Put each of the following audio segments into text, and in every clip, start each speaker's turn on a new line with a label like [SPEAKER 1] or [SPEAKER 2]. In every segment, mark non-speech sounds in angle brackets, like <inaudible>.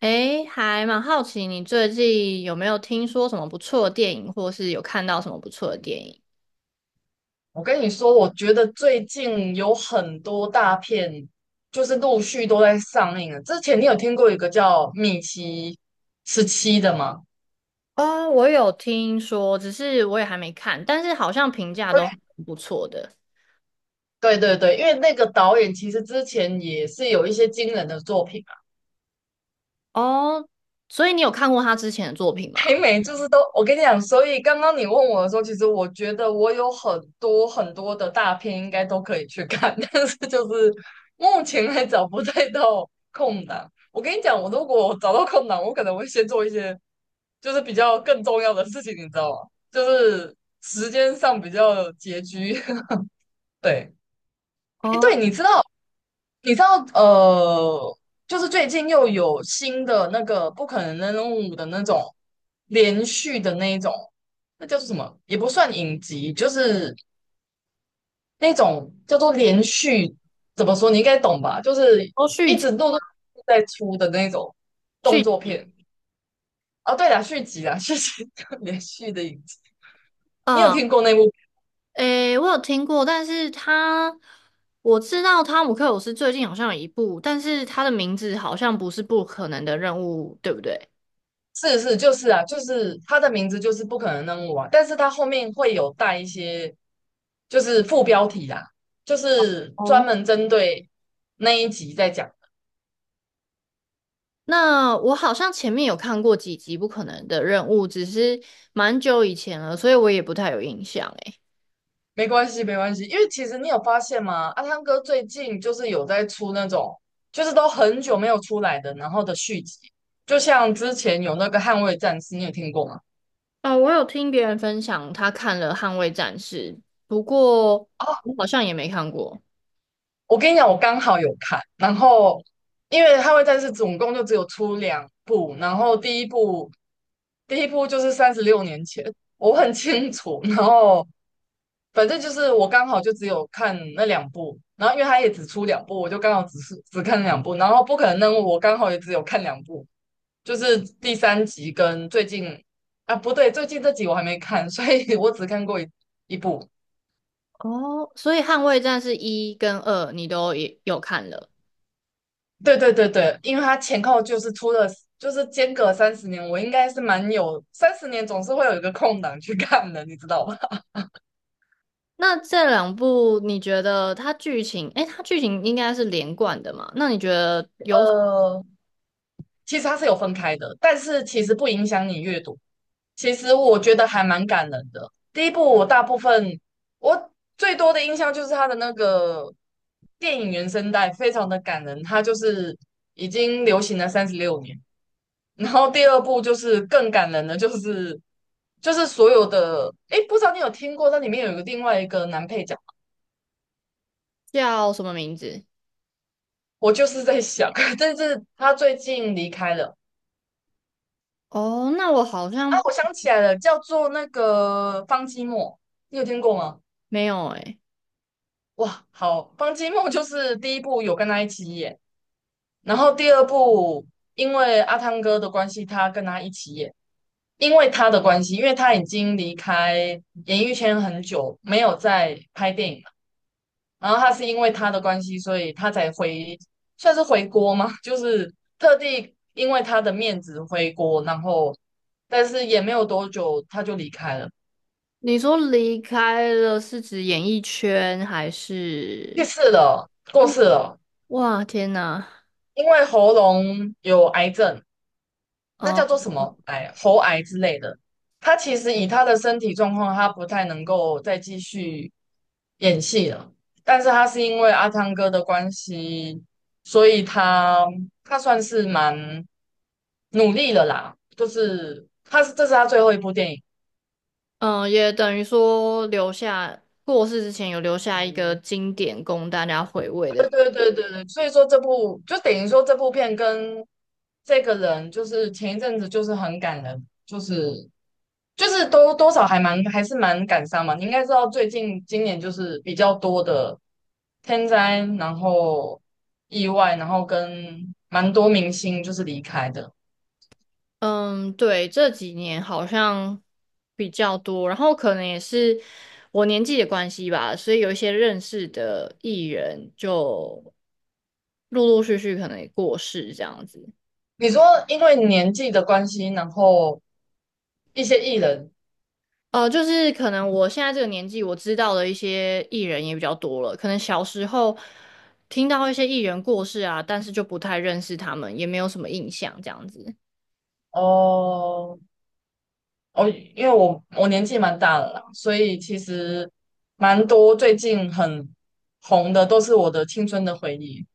[SPEAKER 1] 诶，还蛮好奇你最近有没有听说什么不错的电影，或是有看到什么不错的电影？
[SPEAKER 2] 我跟你说，我觉得最近有很多大片，就是陆续都在上映了。之前你有听过一个叫《米奇十七》的吗？
[SPEAKER 1] 哦，我有听说，只是我也还没看，但是好像评价都不错的。
[SPEAKER 2] 对对对，对，因为那个导演其实之前也是有一些惊人的作品啊，
[SPEAKER 1] 哦，所以你有看过他之前的作品吗？
[SPEAKER 2] 北美就是都，我跟你讲，所以刚刚你问我的时候，其实我觉得我有很多很多的大片应该都可以去看，<laughs> 但是就是目前还找不太到空档。我跟你讲，我如果找到空档，我可能会先做一些就是比较更重要的事情，你知道吗？就是时间上比较拮据。<laughs> 对，诶，
[SPEAKER 1] 哦，
[SPEAKER 2] 对，你知道，你知道，呃，就是最近又有新的那个不可能的任务的那种连续的那一种，那叫做什么？也不算影集，就是那种叫做连续，怎么说？你应该懂吧？就是
[SPEAKER 1] 哦，续
[SPEAKER 2] 一
[SPEAKER 1] 集
[SPEAKER 2] 直陆陆续续在出的那种动
[SPEAKER 1] 续
[SPEAKER 2] 作片。哦，对了，续集啦，续集 <laughs> 连续的影集，你有
[SPEAKER 1] 啊，
[SPEAKER 2] 听过那部？
[SPEAKER 1] 嗯，诶，我有听过，但是他我知道汤姆克鲁斯最近好像有一部，但是他的名字好像不是《不可能的任务》，对不对？
[SPEAKER 2] 是是，就是啊，就是他的名字就是不可能扔务啊但是它后面会有带一些就是副标题啦，就是专门针对那一集在讲的。
[SPEAKER 1] 那我好像前面有看过几集《不可能的任务》，只是蛮久以前了，所以我也不太有印象诶。
[SPEAKER 2] 没关系，没关系，因为其实你有发现吗？阿汤哥最近就是有在出那种，就是都很久没有出来的，然后的续集，就像之前有那个《捍卫战士》，你有听过吗？
[SPEAKER 1] 哦，我有听别人分享他看了《捍卫战士》，不过我好像也没看过。
[SPEAKER 2] 我跟你讲，我刚好有看，然后因为《捍卫战士》总共就只有出两部，然后第一部就是36年前，我很清楚，然后反正就是我刚好就只有看那两部，然后因为它也只出两部，我就刚好只是只看两部，然后不可能任务我刚好也只有看两部，就是第三集跟最近啊不对，最近这集我还没看，所以 <laughs> 我只看过一部，
[SPEAKER 1] 哦，所以《捍卫战士》一跟二你都也有看了。
[SPEAKER 2] 对对对对，因为它前后就是出了，就是间隔三十年，我应该是蛮有三十年总是会有一个空档去看的，你知道吧？
[SPEAKER 1] 那这两部你觉得它剧情，诶，它剧情应该是连贯的嘛？那你觉得
[SPEAKER 2] <laughs> 呃，其实它是有分开的，但是其实不影响你阅读。其实我觉得还蛮感人的。第一部我大部分我最多的印象就是它的那个电影原声带非常的感人，它就是已经流行了三十六年，然后第二部就是更感人的，就是所有的，哎，不知道你有听过，那里面有一个另外一个男配角，
[SPEAKER 1] 叫什么名字？
[SPEAKER 2] 我就是在想，<laughs> 但是他最近离开了
[SPEAKER 1] 哦，那我好
[SPEAKER 2] 啊，
[SPEAKER 1] 像
[SPEAKER 2] 我想起来了，叫做那个方季莫，你有听过吗？
[SPEAKER 1] 没有诶。
[SPEAKER 2] 哇，好，方季莫就是第一部有跟他一起演，然后第二部因为阿汤哥的关系，他跟他一起演，因为他的关系，因为他已经离开演艺圈很久，没有再拍电影。然后他是因为他的关系，所以他才回，算是回国吗？<laughs> 就是特地因为他的面子回国，然后但是也没有多久他就离开了，
[SPEAKER 1] 你说离开了是指演艺圈还
[SPEAKER 2] 去
[SPEAKER 1] 是？
[SPEAKER 2] 世了，过世了，
[SPEAKER 1] 哇，天呐。
[SPEAKER 2] 因为喉咙有癌症，那叫
[SPEAKER 1] 嗯
[SPEAKER 2] 做什么癌，喉癌之类的。他其实以他的身体状况，他不太能够再继续演戏了。但是他是因为阿汤哥的关系，所以他算是蛮努力了啦。就是他是这是他最后一部电影，
[SPEAKER 1] 嗯，也等于说留下过世之前有留下一个经典供大家回味
[SPEAKER 2] 对
[SPEAKER 1] 的。
[SPEAKER 2] 对对对对，所以说这部就等于说这部片跟这个人，就是前一阵子就是很感人，就是多多少还还是蛮感伤嘛。你应该知道最近今年就是比较多的天灾，然后意外，然后跟蛮多明星就是离开的。
[SPEAKER 1] 嗯，对，这几年好像比较多，然后可能也是我年纪的关系吧，所以有一些认识的艺人就陆陆续续可能也过世这样子。
[SPEAKER 2] 你说因为年纪的关系，然后一些艺人
[SPEAKER 1] 呃，就是可能我现在这个年纪，我知道的一些艺人也比较多了。可能小时候听到一些艺人过世啊，但是就不太认识他们，也没有什么印象这样子。
[SPEAKER 2] 哦，哦，因为我年纪蛮大了啦，所以其实蛮多最近很红的都是我的青春的回忆。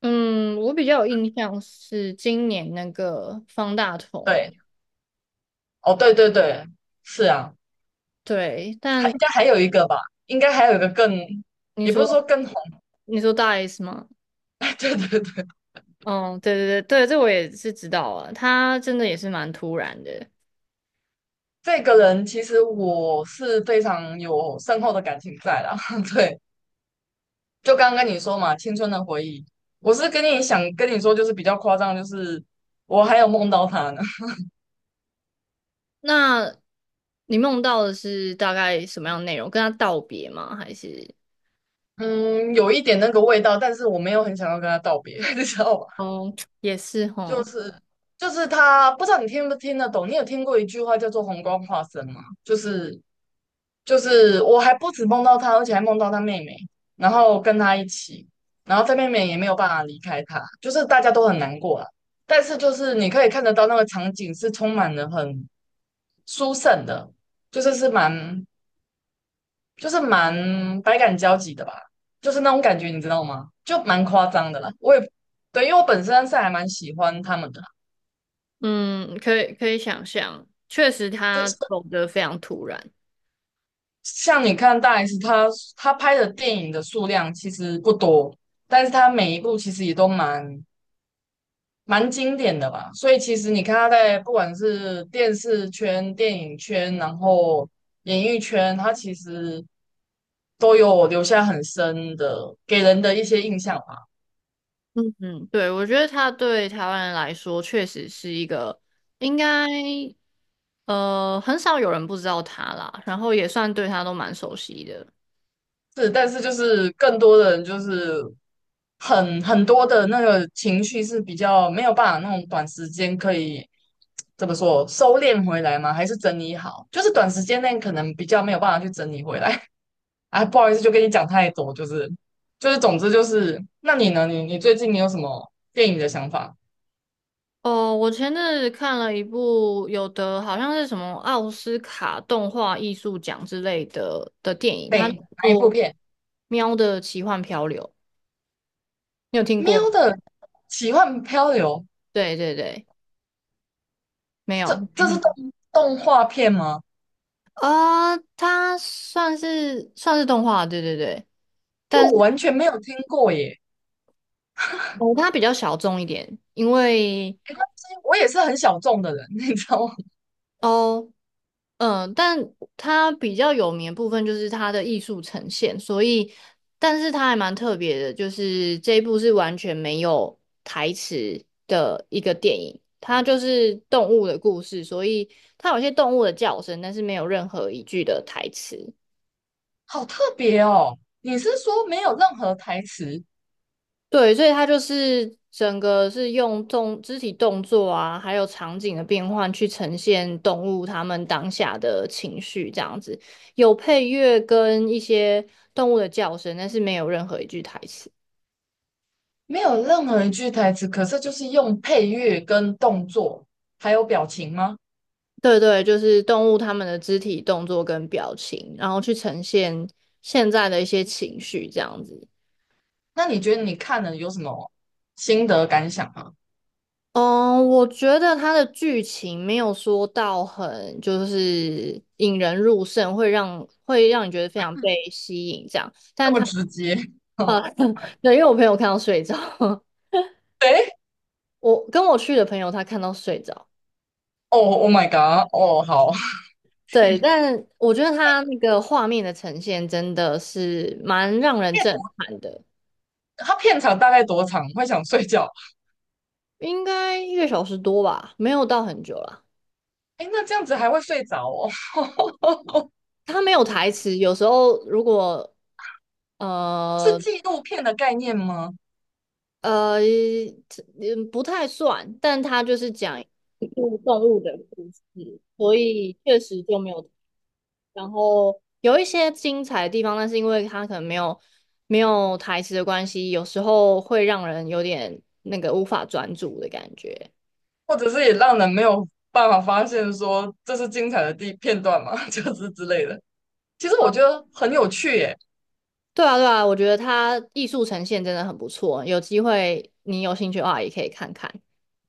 [SPEAKER 1] 嗯，我比较有印象是今年那个方大同，
[SPEAKER 2] 对，哦，对对对，是啊，
[SPEAKER 1] 对。
[SPEAKER 2] 还
[SPEAKER 1] 但
[SPEAKER 2] 应该还有一个吧，应该还有一个更，
[SPEAKER 1] 你
[SPEAKER 2] 也不是说
[SPEAKER 1] 说
[SPEAKER 2] 更红，
[SPEAKER 1] 你说大 S 吗？
[SPEAKER 2] <laughs> 对对对，
[SPEAKER 1] 嗯，对对对对，这我也是知道啊。他真的也是蛮突然的。
[SPEAKER 2] 这个人其实我是非常有深厚的感情在啦。<laughs> 对，就刚刚跟你说嘛，青春的回忆，我是跟你想跟你说，就是比较夸张，就是我还有梦到他呢。
[SPEAKER 1] 那你梦到的是大概什么样的内容？跟他道别吗？还是？
[SPEAKER 2] 嗯，有一点那个味道，但是我没有很想要跟他道别，<laughs> 你知道吗？
[SPEAKER 1] 哦，也是
[SPEAKER 2] 就
[SPEAKER 1] 哦。
[SPEAKER 2] 是就是他，不知道你听不听得懂。你有听过一句话叫做"红光化身"吗？就是我还不止梦到他，而且还梦到他妹妹，然后跟他一起，然后他妹妹也没有办法离开他，就是大家都很难过了。但是就是你可以看得到那个场景是充满了很殊胜的，就是是蛮就是蛮百感交集的吧，就是那种感觉，你知道吗？就蛮夸张的啦。我也对，因为我本身是还蛮喜欢他们的啦，
[SPEAKER 1] 嗯，可以可以想象，确实
[SPEAKER 2] 就
[SPEAKER 1] 他
[SPEAKER 2] 是
[SPEAKER 1] 走得非常突然。
[SPEAKER 2] 像你看大 S，他拍的电影的数量其实不多，但是他每一部其实也都蛮经典的吧。所以其实你看他在不管是电视圈、电影圈，然后演艺圈，他其实都有留下很深的给人的一些印象。
[SPEAKER 1] 嗯，对，我觉得他对台湾人来说确实是一个应该很少有人不知道他啦，然后也算对他都蛮熟悉的。
[SPEAKER 2] 是，但是就是更多的人就是很多的那个情绪是比较没有办法那种短时间可以怎么说收敛回来吗？还是整理好？就是短时间内可能比较没有办法去整理回来。<laughs> 啊，不好意思，就跟你讲太多，就是就是，总之就是，那你呢？你最近你有什么电影的想法？
[SPEAKER 1] 哦，我前阵子看了一部有的好像是什么奥斯卡动画艺术奖之类的的电影，他
[SPEAKER 2] 对，哪一
[SPEAKER 1] 做
[SPEAKER 2] 部片？
[SPEAKER 1] 《喵的奇幻漂流》，你有听
[SPEAKER 2] 喵
[SPEAKER 1] 过吗？
[SPEAKER 2] 的奇幻漂流，
[SPEAKER 1] 对对对，没
[SPEAKER 2] 这
[SPEAKER 1] 有。没
[SPEAKER 2] 这是
[SPEAKER 1] 听。
[SPEAKER 2] 动画片吗？
[SPEAKER 1] 啊，它算是算是动画，对对对，
[SPEAKER 2] 因为
[SPEAKER 1] 但
[SPEAKER 2] 我
[SPEAKER 1] 是
[SPEAKER 2] 完全没有听过耶。
[SPEAKER 1] 哦，它比较小众一点，因为
[SPEAKER 2] 没关系，我也是很小众的人，<laughs> 你知道吗？
[SPEAKER 1] 哦，嗯、但它比较有名的部分就是它的艺术呈现，所以，但是它还蛮特别的，就是这一部是完全没有台词的一个电影，它就是动物的故事，所以它有些动物的叫声，但是没有任何一句的台词。
[SPEAKER 2] 好特别哦！你是说没有任何台词，
[SPEAKER 1] 对，所以它就是整个是用动肢体动作啊，还有场景的变换去呈现动物它们当下的情绪，这样子有配乐跟一些动物的叫声，但是没有任何一句台词。
[SPEAKER 2] 没有任何一句台词，可是就是用配乐跟动作还有表情吗？
[SPEAKER 1] 对对，就是动物它们的肢体动作跟表情，然后去呈现现在的一些情绪，这样子。
[SPEAKER 2] 那你觉得你看了有什么心得感想吗？
[SPEAKER 1] 嗯，我觉得它的剧情没有说到很就是引人入胜，会让你觉得非常被吸引这样。
[SPEAKER 2] <laughs> 这
[SPEAKER 1] 但
[SPEAKER 2] 么
[SPEAKER 1] 它
[SPEAKER 2] 直接，<laughs>
[SPEAKER 1] 呃，
[SPEAKER 2] 嗯，
[SPEAKER 1] <laughs> 对，因为我朋友看到睡着，<laughs>
[SPEAKER 2] 哎，
[SPEAKER 1] 我跟我去的朋友他看到睡着，
[SPEAKER 2] 哦，Oh my god，哦，好，
[SPEAKER 1] 对，但我觉得它那个画面的呈现真的是蛮让人震
[SPEAKER 2] 片
[SPEAKER 1] 撼的，
[SPEAKER 2] 它片长大概多长？会想睡觉？
[SPEAKER 1] 应该一个小时多吧，没有到很久啦。
[SPEAKER 2] 哎，那这样子还会睡着哦？
[SPEAKER 1] 它没有台词，有时候如果
[SPEAKER 2] 是
[SPEAKER 1] 呃
[SPEAKER 2] 纪录片的概念吗？
[SPEAKER 1] 呃，嗯，不太算，但它就是讲一部动物的故事，所以确实就没有。然后有一些精彩的地方，但是因为它可能没有台词的关系，有时候会让人有点那个无法专注的感觉。
[SPEAKER 2] 或者是也让人没有办法发现说这是精彩的地片段嘛，<laughs> 就是之类的。其实我觉得很有趣耶，
[SPEAKER 1] 对啊，对啊，我觉得它艺术呈现真的很不错，有机会你有兴趣的话也可以看看。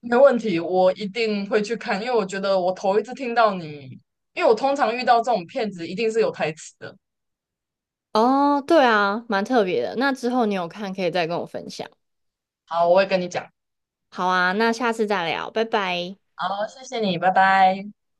[SPEAKER 2] 没问题，我一定会去看，因为我觉得我头一次听到你，因为我通常遇到这种骗子一定是有台词的。
[SPEAKER 1] 哦，对啊，蛮特别的。那之后你有看可以再跟我分享。
[SPEAKER 2] 好，我会跟你讲。
[SPEAKER 1] 好啊，那下次再聊，拜拜。
[SPEAKER 2] 好，谢谢你，拜拜。